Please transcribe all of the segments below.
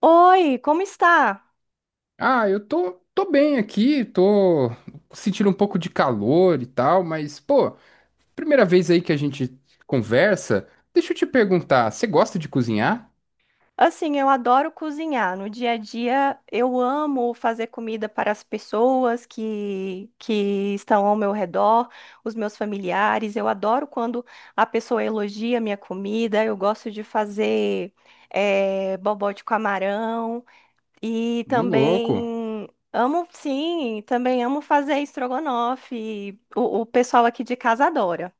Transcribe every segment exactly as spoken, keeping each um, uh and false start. Oi, como está? Ah, eu tô, tô bem aqui, tô sentindo um pouco de calor e tal, mas, pô, primeira vez aí que a gente conversa, deixa eu te perguntar, você gosta de cozinhar? Assim, eu adoro cozinhar. No dia a dia, eu amo fazer comida para as pessoas que, que estão ao meu redor, os meus familiares. Eu adoro quando a pessoa elogia a minha comida. Eu gosto de fazer eh, bobó de camarão e No louco. também amo, sim, também amo fazer estrogonofe. O, o pessoal aqui de casa adora.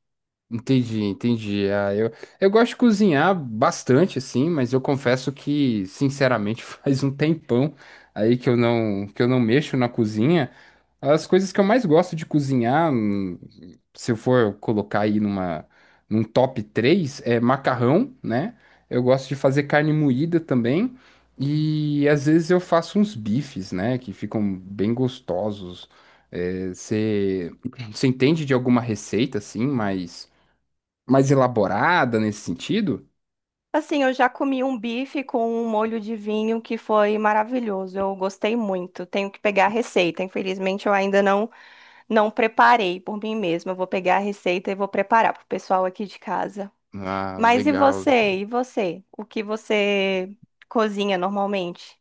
Entendi, entendi. Ah, eu, eu gosto de cozinhar bastante, assim, mas eu confesso que, sinceramente, faz um tempão aí que eu não, que eu não mexo na cozinha. As coisas que eu mais gosto de cozinhar, hum, se eu for colocar aí numa, num top três é macarrão, né? Eu gosto de fazer carne moída também. E às vezes eu faço uns bifes, né, que ficam bem gostosos. É, você, você entende de alguma receita, assim, mas mais elaborada nesse sentido? Assim, eu já comi um bife com um molho de vinho que foi maravilhoso. Eu gostei muito. Tenho que pegar a receita. Infelizmente, eu ainda não não preparei por mim mesma. Eu vou pegar a receita e vou preparar para o pessoal aqui de casa. Ah, Mas e legal. você? E você? O que você cozinha normalmente?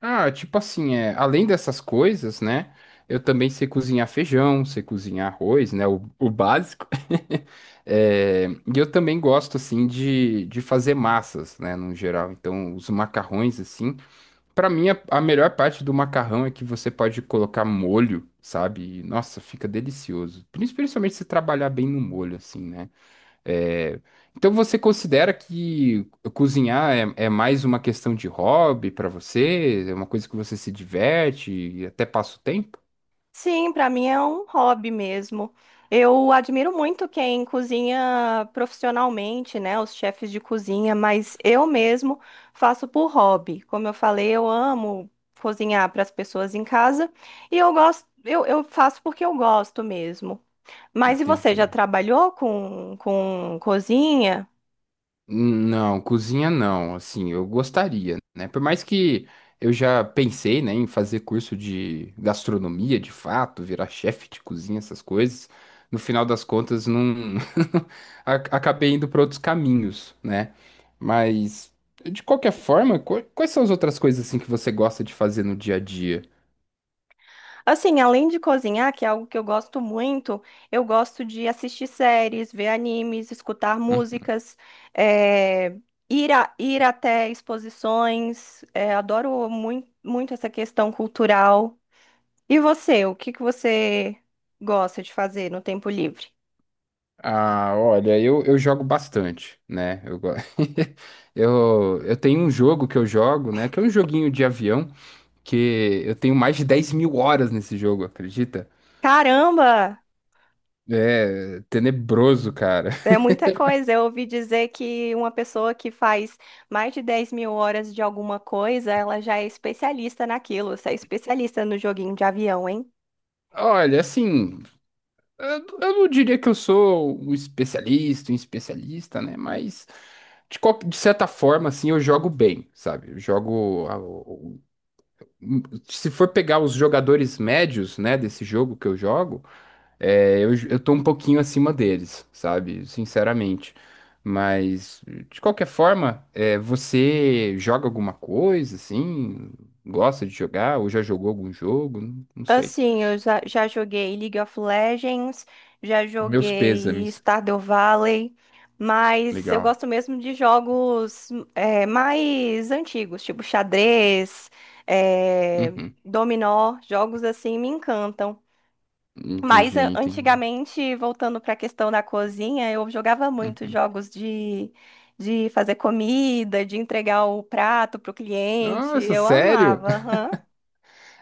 Ah, tipo assim, é, além dessas coisas, né? Eu também sei cozinhar feijão, sei cozinhar arroz, né? O, o básico. É, e eu também gosto, assim, de, de fazer massas, né? No geral. Então, os macarrões, assim. Pra mim, a, a melhor parte do macarrão é que você pode colocar molho, sabe? E, nossa, fica delicioso. Principalmente se trabalhar bem no molho, assim, né? É, então você considera que cozinhar é, é mais uma questão de hobby para você? É uma coisa que você se diverte e até passa o tempo? Sim, para mim é um hobby mesmo. Eu admiro muito quem cozinha profissionalmente, né, os chefes de cozinha, mas eu mesmo faço por hobby. Como eu falei, eu amo cozinhar para as pessoas em casa e eu gosto, eu, eu faço porque eu gosto mesmo. Mas e você Entendi. já trabalhou com, com cozinha? Não, cozinha não, assim, eu gostaria, né? Por mais que eu já pensei, né, em fazer curso de gastronomia, de fato, virar chefe de cozinha, essas coisas, no final das contas não a- acabei indo para outros caminhos, né? Mas de qualquer forma, qu- quais são as outras coisas assim que você gosta de fazer no dia a dia? Assim, além de cozinhar, que é algo que eu gosto muito, eu gosto de assistir séries, ver animes, escutar Hum? músicas, eh, ir, a- ir até exposições. Eh, adoro muito, muito essa questão cultural. E você, o que que você gosta de fazer no tempo livre? Ah, olha, eu, eu jogo bastante, né? Eu, go- eu, eu tenho um jogo que eu jogo, né, que é um joguinho de avião, que eu tenho mais de dez mil horas nesse jogo, acredita? Caramba! É tenebroso, cara. É muita coisa. Eu ouvi dizer que uma pessoa que faz mais de dez mil horas de alguma coisa, ela já é especialista naquilo. Você é especialista no joguinho de avião, hein? Olha, assim, eu eu não diria que eu sou um especialista, um especialista, né? Mas de, qual- de certa forma, assim, eu jogo bem, sabe? Eu jogo. a- o- o- Se for pegar os jogadores médios, né, desse jogo que eu jogo. É, eu, eu tô um pouquinho acima deles, sabe? Sinceramente. Mas, de qualquer forma, é, você joga alguma coisa, assim? Gosta de jogar? Ou já jogou algum jogo? Não, não sei. Assim, eu já, já joguei League of Legends, já Meus joguei pêsames. Stardew Valley, mas eu Legal. gosto mesmo de jogos é, mais antigos, tipo xadrez, é, Uhum. dominó, jogos assim me encantam. Mas Entendi, a- entendi. antigamente, voltando para a questão da cozinha, eu jogava muito Uhum. jogos de, de fazer comida, de entregar o prato para o cliente, Nossa, eu sério? amava. Aham.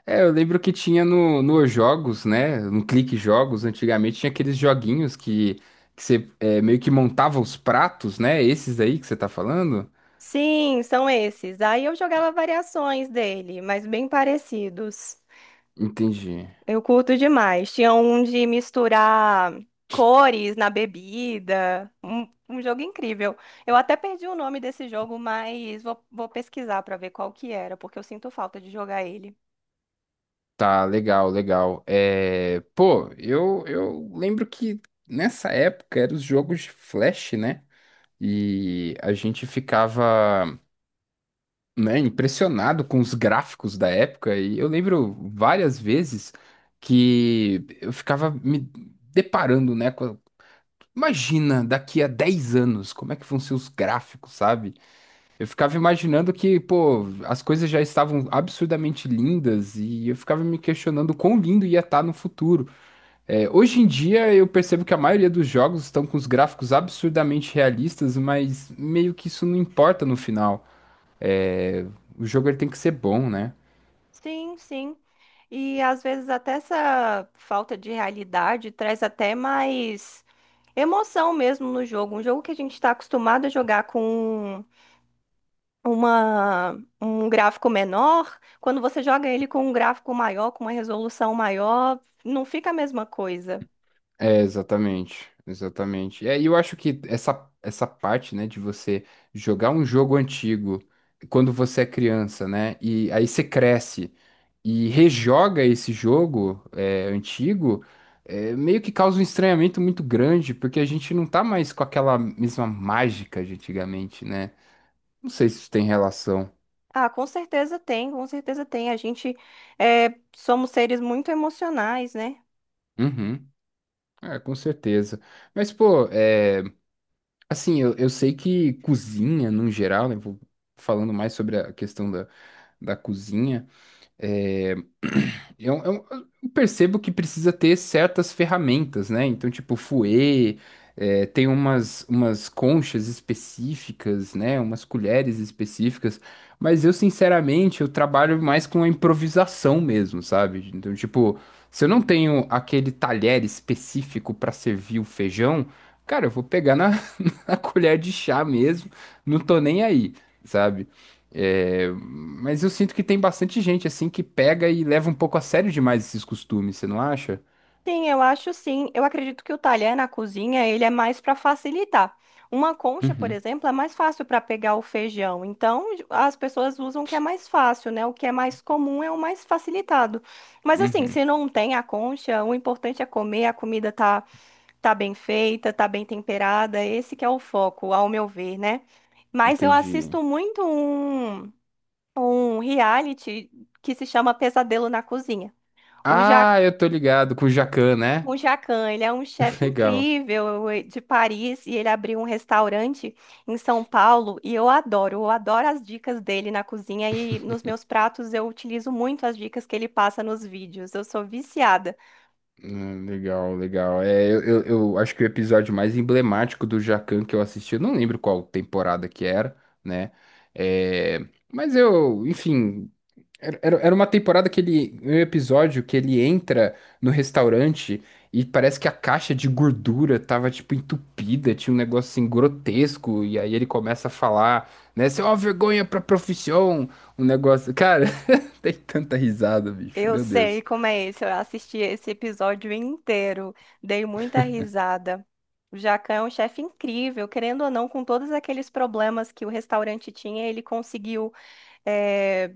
É, eu lembro que tinha no, nos jogos, né? No Clique Jogos, antigamente, tinha aqueles joguinhos que, que você é, meio que montava os pratos, né? Esses aí que você tá falando? Sim, são esses. Aí eu jogava variações dele, mas bem parecidos. Entendi. Eu curto demais. Tinha um de misturar cores na bebida. Um, um jogo incrível. Eu até perdi o nome desse jogo, mas vou, vou pesquisar para ver qual que era, porque eu sinto falta de jogar ele. Tá, legal, legal. É, pô, eu, eu lembro que nessa época eram os jogos de flash, né? E a gente ficava, né, impressionado com os gráficos da época. E eu lembro várias vezes que eu ficava me deparando, né? com- Imagina, daqui a dez anos, como é que vão ser os gráficos, sabe? Eu ficava imaginando que, pô, as coisas já estavam absurdamente lindas e eu ficava me questionando quão lindo ia estar no futuro. É, hoje em dia eu percebo que a maioria dos jogos estão com os gráficos absurdamente realistas, mas meio que isso não importa no final. É, o jogo ele tem que ser bom, né? Sim, sim. E às vezes até essa falta de realidade traz até mais emoção mesmo no jogo. Um jogo que a gente está acostumado a jogar com uma, um gráfico menor, quando você joga ele com um gráfico maior, com uma resolução maior, não fica a mesma coisa. É, exatamente, exatamente. É, e eu acho que essa, essa parte, né, de você jogar um jogo antigo quando você é criança, né, e aí você cresce e rejoga esse jogo é, antigo, é, meio que causa um estranhamento muito grande, porque a gente não tá mais com aquela mesma mágica de antigamente, né? Não sei se isso tem relação. Ah, com certeza tem, com certeza tem. A gente é, somos seres muito emocionais, né? Uhum. É, com certeza. Mas, pô, é. Assim, eu, eu sei que cozinha, no geral, né? Vou falando mais sobre a questão da, da cozinha. eh, é, eu, eu- eu percebo que precisa ter certas ferramentas, né? Então, tipo, fouet, é, tem umas, umas conchas específicas, né? Umas colheres específicas. Mas eu, sinceramente, eu trabalho mais com a improvisação mesmo, sabe? Então, tipo, se eu não tenho aquele talher específico para servir o feijão. Cara, eu vou pegar na a colher de chá mesmo, não tô nem aí, sabe? É, mas eu sinto que tem bastante gente assim que pega e leva um pouco a sério demais esses costumes, você não acha? Sim, eu acho sim. Eu acredito que o talher na cozinha, ele é mais para facilitar. Uma concha, por Uhum, exemplo, é mais fácil para pegar o feijão. Então, as pessoas usam o que é mais fácil, né? O que é mais comum é o mais facilitado. Mas assim, uhum. se não tem a concha, o importante é comer, a comida tá tá bem feita, tá bem temperada. Esse que é o foco, ao meu ver, né? Mas eu Entendi. assisto muito um um reality que se chama Pesadelo na Cozinha. O Ah, Jacques eu tô ligado com o o Jacan, né? o Jacan, ele é um chefe Legal. incrível, eh, de Paris, e ele abriu um restaurante em São Paulo e eu adoro, eu adoro as dicas dele na cozinha e nos meus pratos eu utilizo muito as dicas que ele passa nos vídeos. Eu sou viciada. Hum, Legal, legal. É, eu, eu, eu acho que o episódio mais emblemático do Jacan que eu assisti, eu não lembro qual temporada que era, né? É, mas eu, enfim, era, era era uma temporada que ele. Um episódio que ele entra no restaurante e parece que a caixa de gordura tava, tipo, entupida, tinha um negócio assim grotesco, e aí ele começa a falar, né? Você é uma vergonha pra profissão, um negócio. Cara, tem tanta risada, bicho, Eu meu sei Deus. como é isso. Eu assisti esse episódio inteiro, dei muita risada. O Jacan é um chefe incrível, querendo ou não, com todos aqueles problemas que o restaurante tinha, ele conseguiu eh,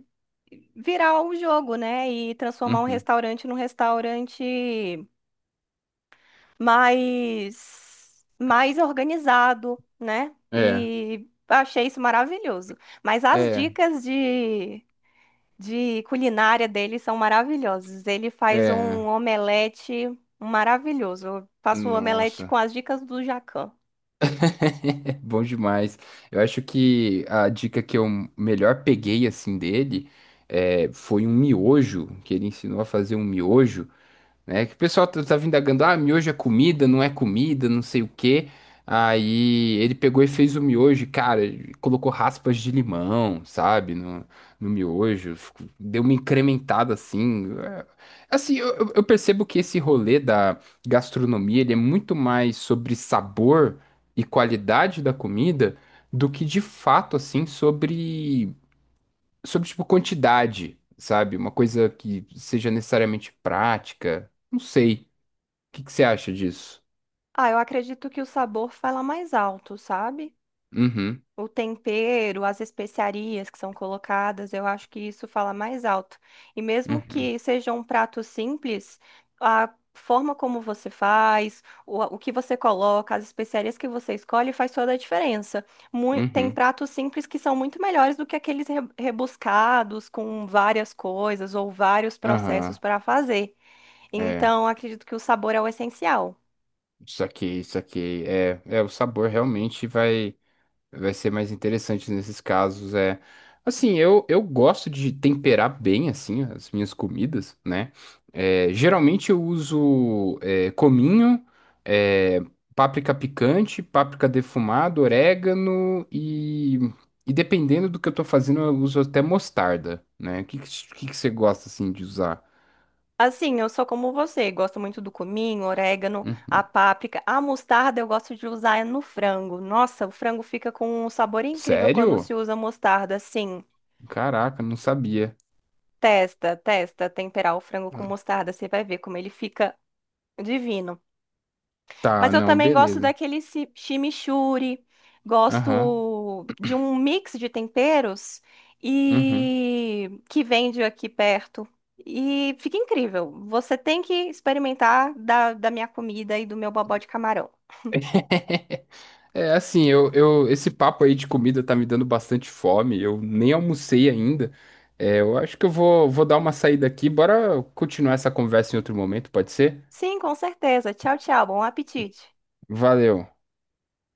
virar o jogo, né? E transformar um Uhum. restaurante num restaurante mais, mais organizado, né? É, E achei isso maravilhoso. Mas as é, dicas de, de culinária dele são maravilhosas. Ele faz um é. omelete maravilhoso. Eu faço o omelete com Nossa, as dicas do Jacan. é bom demais. Eu acho que a dica que eu melhor peguei, assim, dele. É, foi um miojo, que ele ensinou a fazer um miojo. Né? Que o pessoal tá, tá vindagando, ah, miojo é comida, não é comida, não sei o quê. Aí ele pegou e fez o miojo, e, cara, ele colocou raspas de limão, sabe, no, no miojo, ficou- deu uma incrementada assim. É, assim, eu, eu eu percebo que esse rolê da gastronomia, ele é muito mais sobre sabor e qualidade da comida do que de fato, assim, sobre sobre, tipo, quantidade, sabe? Uma coisa que seja necessariamente prática. Não sei. O que que você acha disso? Ah, eu acredito que o sabor fala mais alto, sabe? Uhum, O tempero, as especiarias que são colocadas, eu acho que isso fala mais alto. E mesmo uhum, que seja um prato simples, a forma como você faz, o, o que você coloca, as especiarias que você escolhe faz toda a diferença. Mui- tem uhum, pratos simples que são muito melhores do que aqueles re- rebuscados com várias coisas ou vários processos aham. para fazer. É, Então, acredito que o sabor é o essencial. saquei, saquei. É, é, o sabor realmente vai. Vai ser mais interessante nesses casos. É, assim, eu, eu gosto de temperar bem, assim, as minhas comidas, né? É, geralmente eu uso é, cominho, é, páprica picante, páprica defumada, orégano e, e dependendo do que eu tô fazendo, eu uso até mostarda, né? O que, que, que que você gosta, assim, de usar? Assim, eu sou como você, gosto muito do cominho, orégano, a Uhum. páprica, a mostarda eu gosto de usar no frango. Nossa, o frango fica com um sabor incrível quando Sério? se usa mostarda, assim. Caraca, não sabia. Testa, testa, temperar o frango com mostarda, você vai ver como ele fica divino. Mas Tá, eu não, também gosto beleza. daquele chi- chimichurri, Aham. gosto de um mix de temperos Uhum. e que vende aqui perto. E fica incrível. Você tem que experimentar da, da minha comida e do meu bobó de camarão. É assim, eu, eu, esse papo aí de comida tá me dando bastante fome. Eu nem almocei ainda. É, eu acho que eu vou, vou dar uma saída aqui. Bora continuar essa conversa em outro momento, pode ser? Sim, com certeza. Tchau, tchau. Bom apetite. Valeu.